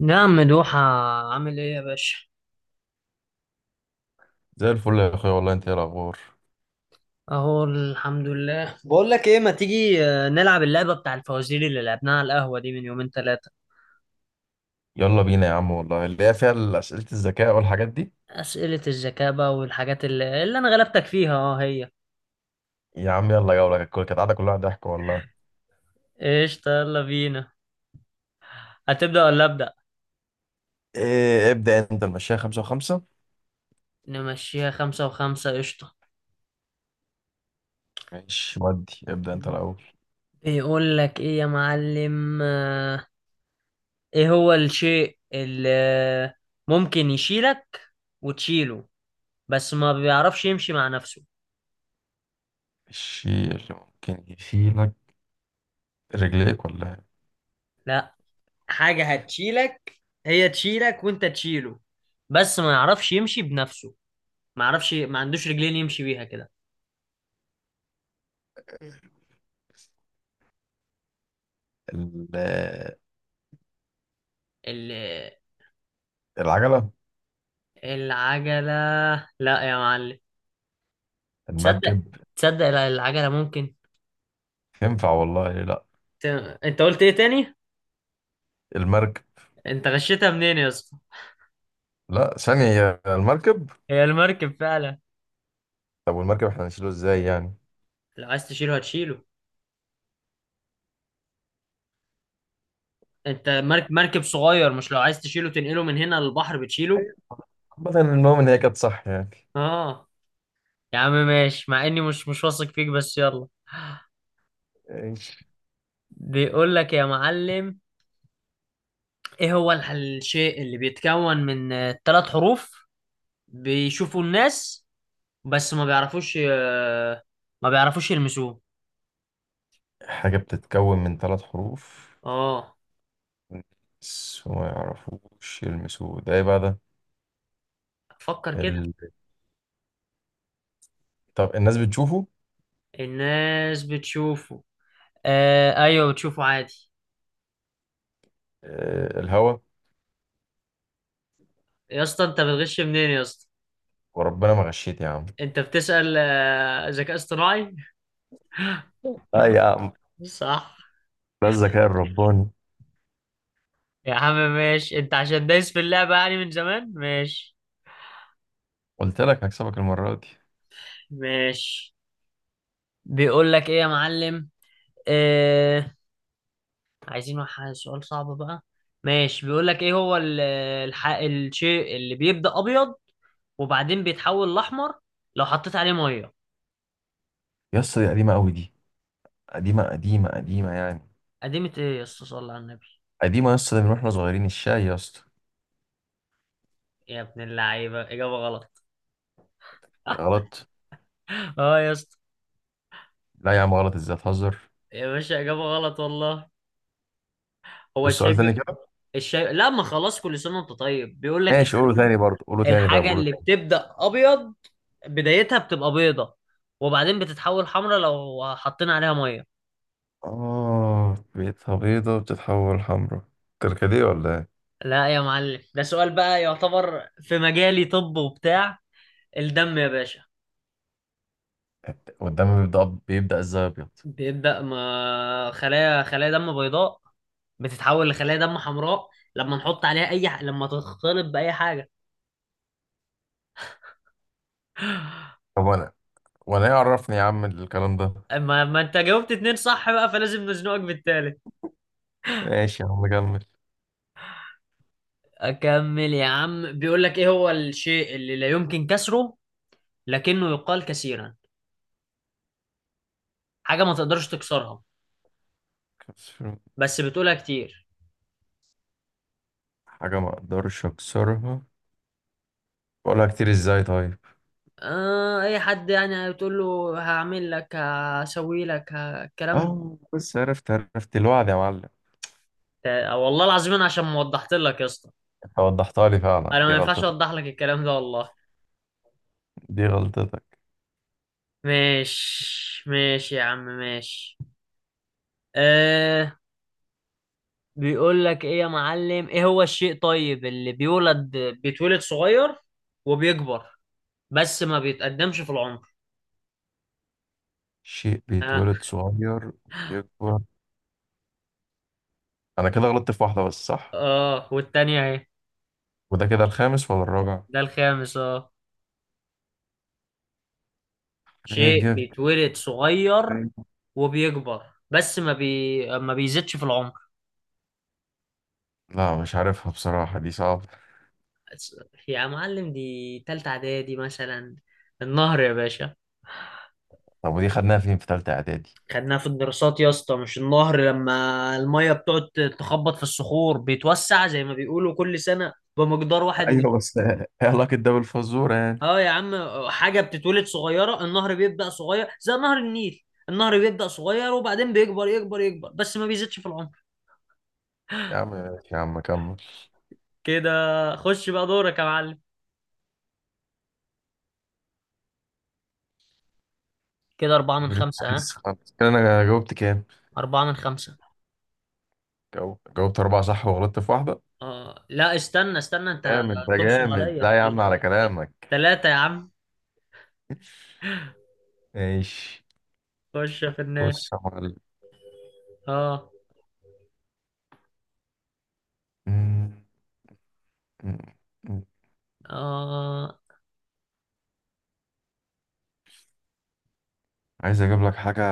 نعم، مدوحة. عامل ايه يا باشا؟ زي الفل يا اخويا والله، انت ايه الاخبار؟ اهو الحمد لله. بقول لك ايه، ما تيجي نلعب اللعبة بتاع الفوازير اللي لعبناها على القهوة دي من يومين ثلاثة. يلا بينا يا عم والله، اللي هي فيها اسئله الذكاء والحاجات دي. أسئلة الذكاء بقى والحاجات اللي انا غلبتك فيها هي. يا عم يلا جوله، كانت قاعده كلها ضحك والله. قشطة، يلا بينا. هتبدأ ولا أبدأ؟ إيه ابدا انت، المشاية خمسة وخمسة. نمشيها خمسة وخمسة، قشطة. ماشي، ودي ابدا انت الاول. بيقول لك ايه يا معلم. ايه هو الشيء اللي ممكن يشيلك وتشيله، بس ما بيعرفش يمشي مع نفسه. الشيل ممكن يشيلك رجليك ولا لا، حاجة هتشيلك، هي تشيلك وانت تشيله، بس ما يعرفش يمشي بنفسه. ما يعرفش، ما عندوش رجلين يمشي بيها كده. إيه؟ ال- ال... العجله. العجلة. لا يا معلم. تصدق، المركب. تصدق لا، العجلة ممكن. تنفع والله، ليه لا. ت... انت قلت ايه تاني؟ المركب. انت غشيتها منين يا اسطى؟ لا ثانيه، يا المركب. هي المركب فعلا. طب والمركب احنا هنشيله ازاي يعني؟ لو عايز تشيله هتشيله. انت لا. مركب مركب صغير، مش لو عايز تشيله تنقله من هنا للبحر بتشيله؟ أيوة. عامة المهم ان هي كانت صح اه. يا عم ماشي، مع اني مش واثق فيك، بس يلا. يعني. بيقول لك يا معلم، ايه هو الشيء اللي بيتكون من ثلاث حروف، بيشوفوا الناس بس ما بيعرفوش، ما بيعرفوش يلمسوه. حاجة بتتكون من ثلاث حروف اه، بس ما يعرفوش يلمسوه، ده ايه بقى ده؟ فكر كده. ال... طب الناس بتشوفه؟ الناس بتشوفه. آه ايوه، بتشوفه عادي. آه، الهوا. يا اسطى انت بتغش منين يا اسطى؟ وربنا ما غشيت يا عم. انت بتسأل ذكاء اصطناعي. اه يا عم، صح. ده الذكاء الرباني. يا عم ماشي، انت عشان دايس في اللعبة يعني من زمان، ماشي. قلت لك هكسبك المرة دي. ماشي. بيقول لك ايه يا معلم. آه عايزين سؤال صعب بقى. ماشي، بيقول لك ايه هو الشيء اللي بيبدأ ابيض، وبعدين بيتحول لاحمر لو حطيت عليه ميه. يا اسطى دي قديمة قوي دي، قديمة قديمة قديمة يعني. قديمة ايه يا اسطى؟ صلى على النبي. قديمة يا اسطى، ده من واحنا صغيرين الشاي يا اسطى. يا ابن اللعيبة اجابة غلط. غلط. اه يا اسطى. لا يا عم، غلط ازاي تهزر؟ يا باشا اجابة غلط والله. هو بس الشاي سؤال تاني كده. الشاي لا. ما خلاص، كل سنة وانت طيب. بيقول لك ماشي قوله تاني، برضه قوله تاني، طب الحاجة قوله اللي تاني. بتبدأ ابيض، بدايتها بتبقى بيضة، وبعدين بتتحول حمرا لو حطينا عليها ميه. اه بيتها بيضة بتتحول حمرا، كركديه ولا إيه؟ لا يا معلم، ده سؤال بقى يعتبر في مجالي، طب وبتاع. الدم يا باشا. قدامي بيبدأ ازاي ابيض؟ بيبدأ ما خلايا دم بيضاء، بتتحول لخلايا دم حمراء لما نحط عليها لما تختلط بأي حاجة. طب وانا ايه، عرفني يا عم الكلام ده. ما انت جاوبت اتنين صح بقى، فلازم نزنقك بالتالت. ماشي يا عم كمل. اكمل يا عم. بيقول لك ايه هو الشيء اللي لا يمكن كسره، لكنه يقال كثيرا. حاجة ما تقدرش تكسرها، بس بتقولها كتير. حاجة ما اقدرش اكسرها بقولها كتير، ازاي طيب؟ اي حد يعني بتقول له هعمل لك، هسوي لك، الكلام ده. اه بس، عرفت عرفت الوعد يا معلم. والله العظيم انا عشان ما وضحت لك يا اسطى. انت وضحتها لي فعلا، انا ما دي ينفعش غلطتك. اوضح لك الكلام ده والله. دي غلطتك. ماشي، ماشي يا عم، ماشي. آه بيقول لك ايه يا معلم. ايه هو الشيء طيب اللي بيتولد صغير وبيكبر، بس ما بيتقدمش في العمر؟ شيء ها. بيتولد صغير ويكبر. انا كده غلطت في واحدة بس صح، اه، والتانية اهي. وده كده الخامس ولا الرابع؟ ده الخامس، اه. ايه شيء جبت. بيتولد صغير وبيكبر، بس ما بيزيدش في العمر. لا مش عارفها بصراحة، دي صعبة. أس- يا معلم دي تالتة اعدادي مثلا. النهر يا باشا. طب ودي خدناها فين في تالتة اعدادي؟ خدناها في الدراسات يا اسطى. مش النهر لما المية بتقعد تخبط في الصخور، بيتوسع زي ما بيقولوا كل سنة بمقدار واحد. ايوه بس ايه علاقة ده بالفزورة يعني؟ اه يا عم، حاجة بتتولد صغيرة. النهر بيبدأ صغير زي نهر النيل. النهر بيبدأ صغير وبعدين بيكبر يكبر يكبر، بس ما بيزيدش في العمر. يا عم ماشي يا عم كمل. كده. خش بقى دورك يا معلم. كده أربعة من بريك خمسة. ها؟ عايز خالص كده، انا جاوبت كام؟ أربعة من خمسة. جاوبت اربعة صح وغلطت في واحدة. لا، استنى استنى. أنت جامد ده تنصب جامد، عليا. لا يا عم على كلامك. تلاتة يا عم. ماشي. خش في النار. بص يا معلم. آه. مم، مم، مم. آه، عايز اجيب لك حاجة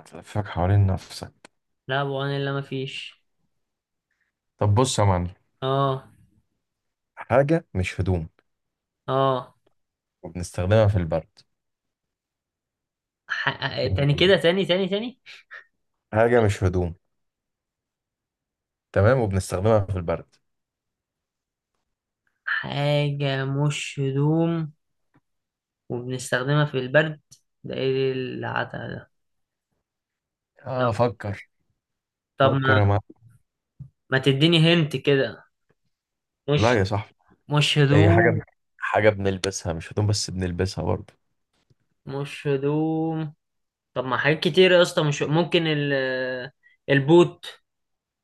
تلفك حوالين نفسك. لا، أبو عن إلا مفيش. طب بص يا معلم. آه. حاجة مش هدوم آه. وبنستخدمها في البرد، ح... إيه تاني كده. هي؟ تاني تاني تاني. حاجة مش هدوم، تمام، وبنستخدمها في البرد. حاجة مش هدوم وبنستخدمها في البرد، ده إيه العتا ده؟ طب. اه فكر. طب فكر يا معلم. ما تديني هنت كده؟ لا مش يا صاحبي. مش هي حاجة، هدوم. حاجة بنلبسها مش هدوم بس بنلبسها برضه. مش هدوم. طب ما حاجات كتير يا اسطى، مش ممكن البوت.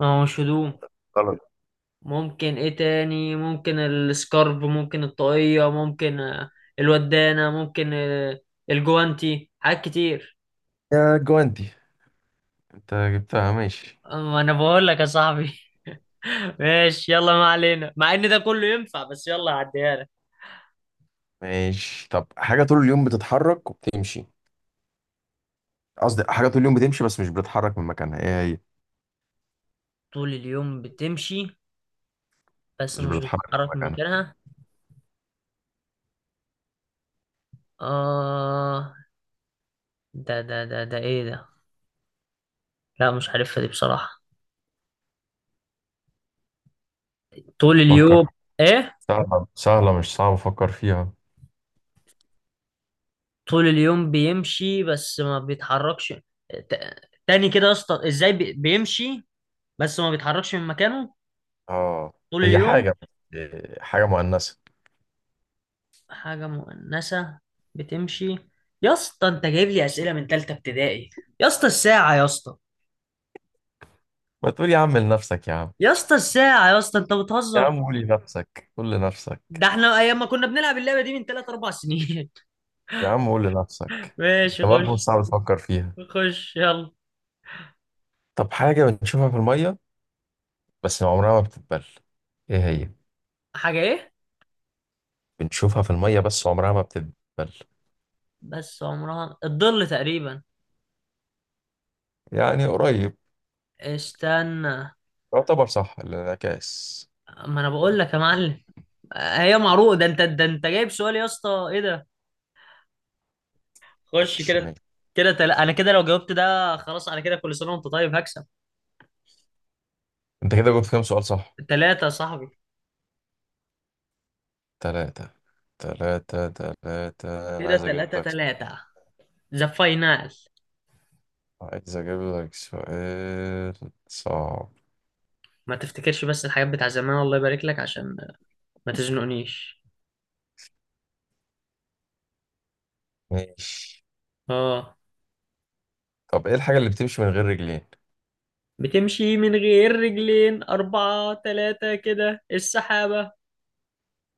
ما هو مش هدوم. غلط. ممكن ايه تاني؟ ممكن السكارف، ممكن الطاقية، ممكن الودانة، ممكن الجوانتي. حاجات كتير. يا جواندي انت جبتها. ماشي ما انا بقول لك يا صاحبي. ماشي، يلا ما علينا، مع ان ده كله ينفع، بس يلا هعديها لك. ماشي. طب حاجة طول اليوم بتتحرك وبتمشي، قصدي حاجة طول اليوم بتمشي بس مش بتتحرك من مكانها، ايه هي؟ طول اليوم بتمشي بس مش مش بتتحرك من بتتحرك من مكانها. مكانها؟ اه. ده ايه ده؟ لا مش عارفها دي بصراحة. طول اليوم فكر. ايه؟ سهلة سهلة، مش صعب أفكر فيها. طول اليوم بيمشي بس ما بيتحركش. ت- تاني كده يا اسطى. ازاي بيمشي بس ما بيتحركش من مكانه اه طول هي اليوم؟ حاجة، إيه، حاجة مؤنثة. حاجة مؤنثة بتمشي. يا اسطى انت جايب لي أسئلة من تالتة ابتدائي. يا اسطى الساعة يا اسطى. ما تقول يا عم لنفسك يا عم. يا اسطى الساعة يا اسطى، انت يا بتهزر. عم قول لنفسك قول لنفسك. ده احنا ايام ما كنا بنلعب اللعبة دي من تلات اربع سنين. يا عم قول لنفسك. ماشي، أنت برضه مش خش. صعب تفكر فيها. خش يلا. طب حاجة بنشوفها في المية بس عمرها ما بتتبل، إيه هي؟ حاجة ايه؟ بنشوفها في المية بس عمرها ما بتتبل. بس عمرها. الظل تقريبا. يعني قريب. استنى. يعتبر صح الانعكاس. ما انا بقول لك يا معلم، هي معروف ده انت جايب سؤال يا اسطى، ايه ده؟ خش ماشي كده. ماشي. كده انا كده لو جاوبت ده خلاص. انا كده كل سنه وانت طيب، هكسب. انت كده جبت كام سؤال صح؟ ثلاثة يا صاحبي. تلاتة. تلاتة تلاتة، انا كده عايز اجيب ثلاثة لك. ثلاثة. ذا فاينال. عايز اجيب لك سؤال صعب. ما تفتكرش بس الحاجات بتاع زمان، الله يبارك لك، عشان ما تزنقنيش. ماشي. اه. طب ايه الحاجة اللي بتمشي من غير رجلين؟ بتمشي من غير رجلين، أربعة، ثلاثة، كده السحابة.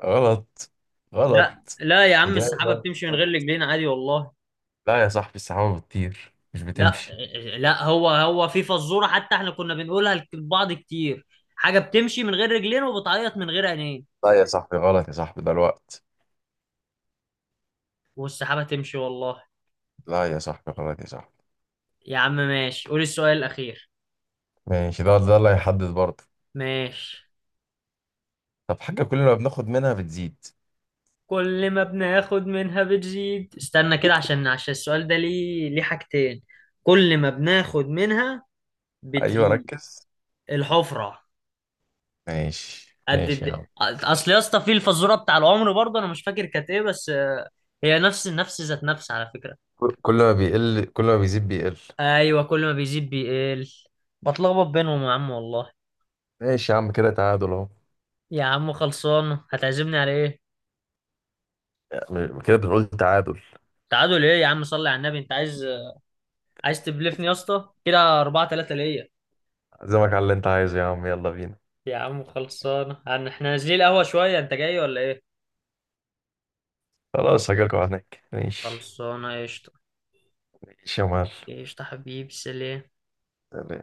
غلط. غلط. لا لا يا عم، السحابة إجابة بتمشي من غير غلط. رجلين عادي والله. لا يا صاحبي السحابة بتطير مش لا، بتمشي. لا هو في فزورة حتى احنا كنا بنقولها لبعض كتير. حاجة بتمشي من غير رجلين وبتعيط من غير عينين. لا يا صاحبي غلط يا صاحبي ده الوقت. والسحابة تمشي والله. لا يا صاحبي غلط يا صاحبي. يا عم ماشي، قول السؤال الأخير. ماشي، ده اللي هيحدد برضه. ماشي. طب حاجة كل ما بناخد منها بتزيد. كل ما بناخد منها بتزيد. استنى كده عشان السؤال ده ليه، حاجتين. كل ما بناخد منها ايوه بتزيد. ركز. الحفرة. ماشي قد ماشي يا عم. أصل يا اسطى، في الفزورة بتاع العمر برضه أنا مش فاكر كانت إيه، بس هي نفس نفس ذات نفس على فكرة. كل ما بيزيد بيقل. أيوة كل ما بيزيد بيقل. بتلخبط بينهم يا عم والله. ماشي يا عم كده تعادل اهو. يا عم خلصان، هتعزمني على إيه؟ كده بنقول تعادل. تعادل إيه يا عم؟ صلي على النبي. أنت عايز تبلفني يا اسطى، كده 4-3 ليا. عزمك على اللي انت عايزه يا عم، يلا بينا. يا عم خلصانه. يعني احنا نازلين القهوه شويه، انت جاي ولا ايه؟ خلاص هجيلكوا هناك ماشي. خلصانه قشطه. ماشي يا معلم. قشطه حبيبي. سلام. سلام.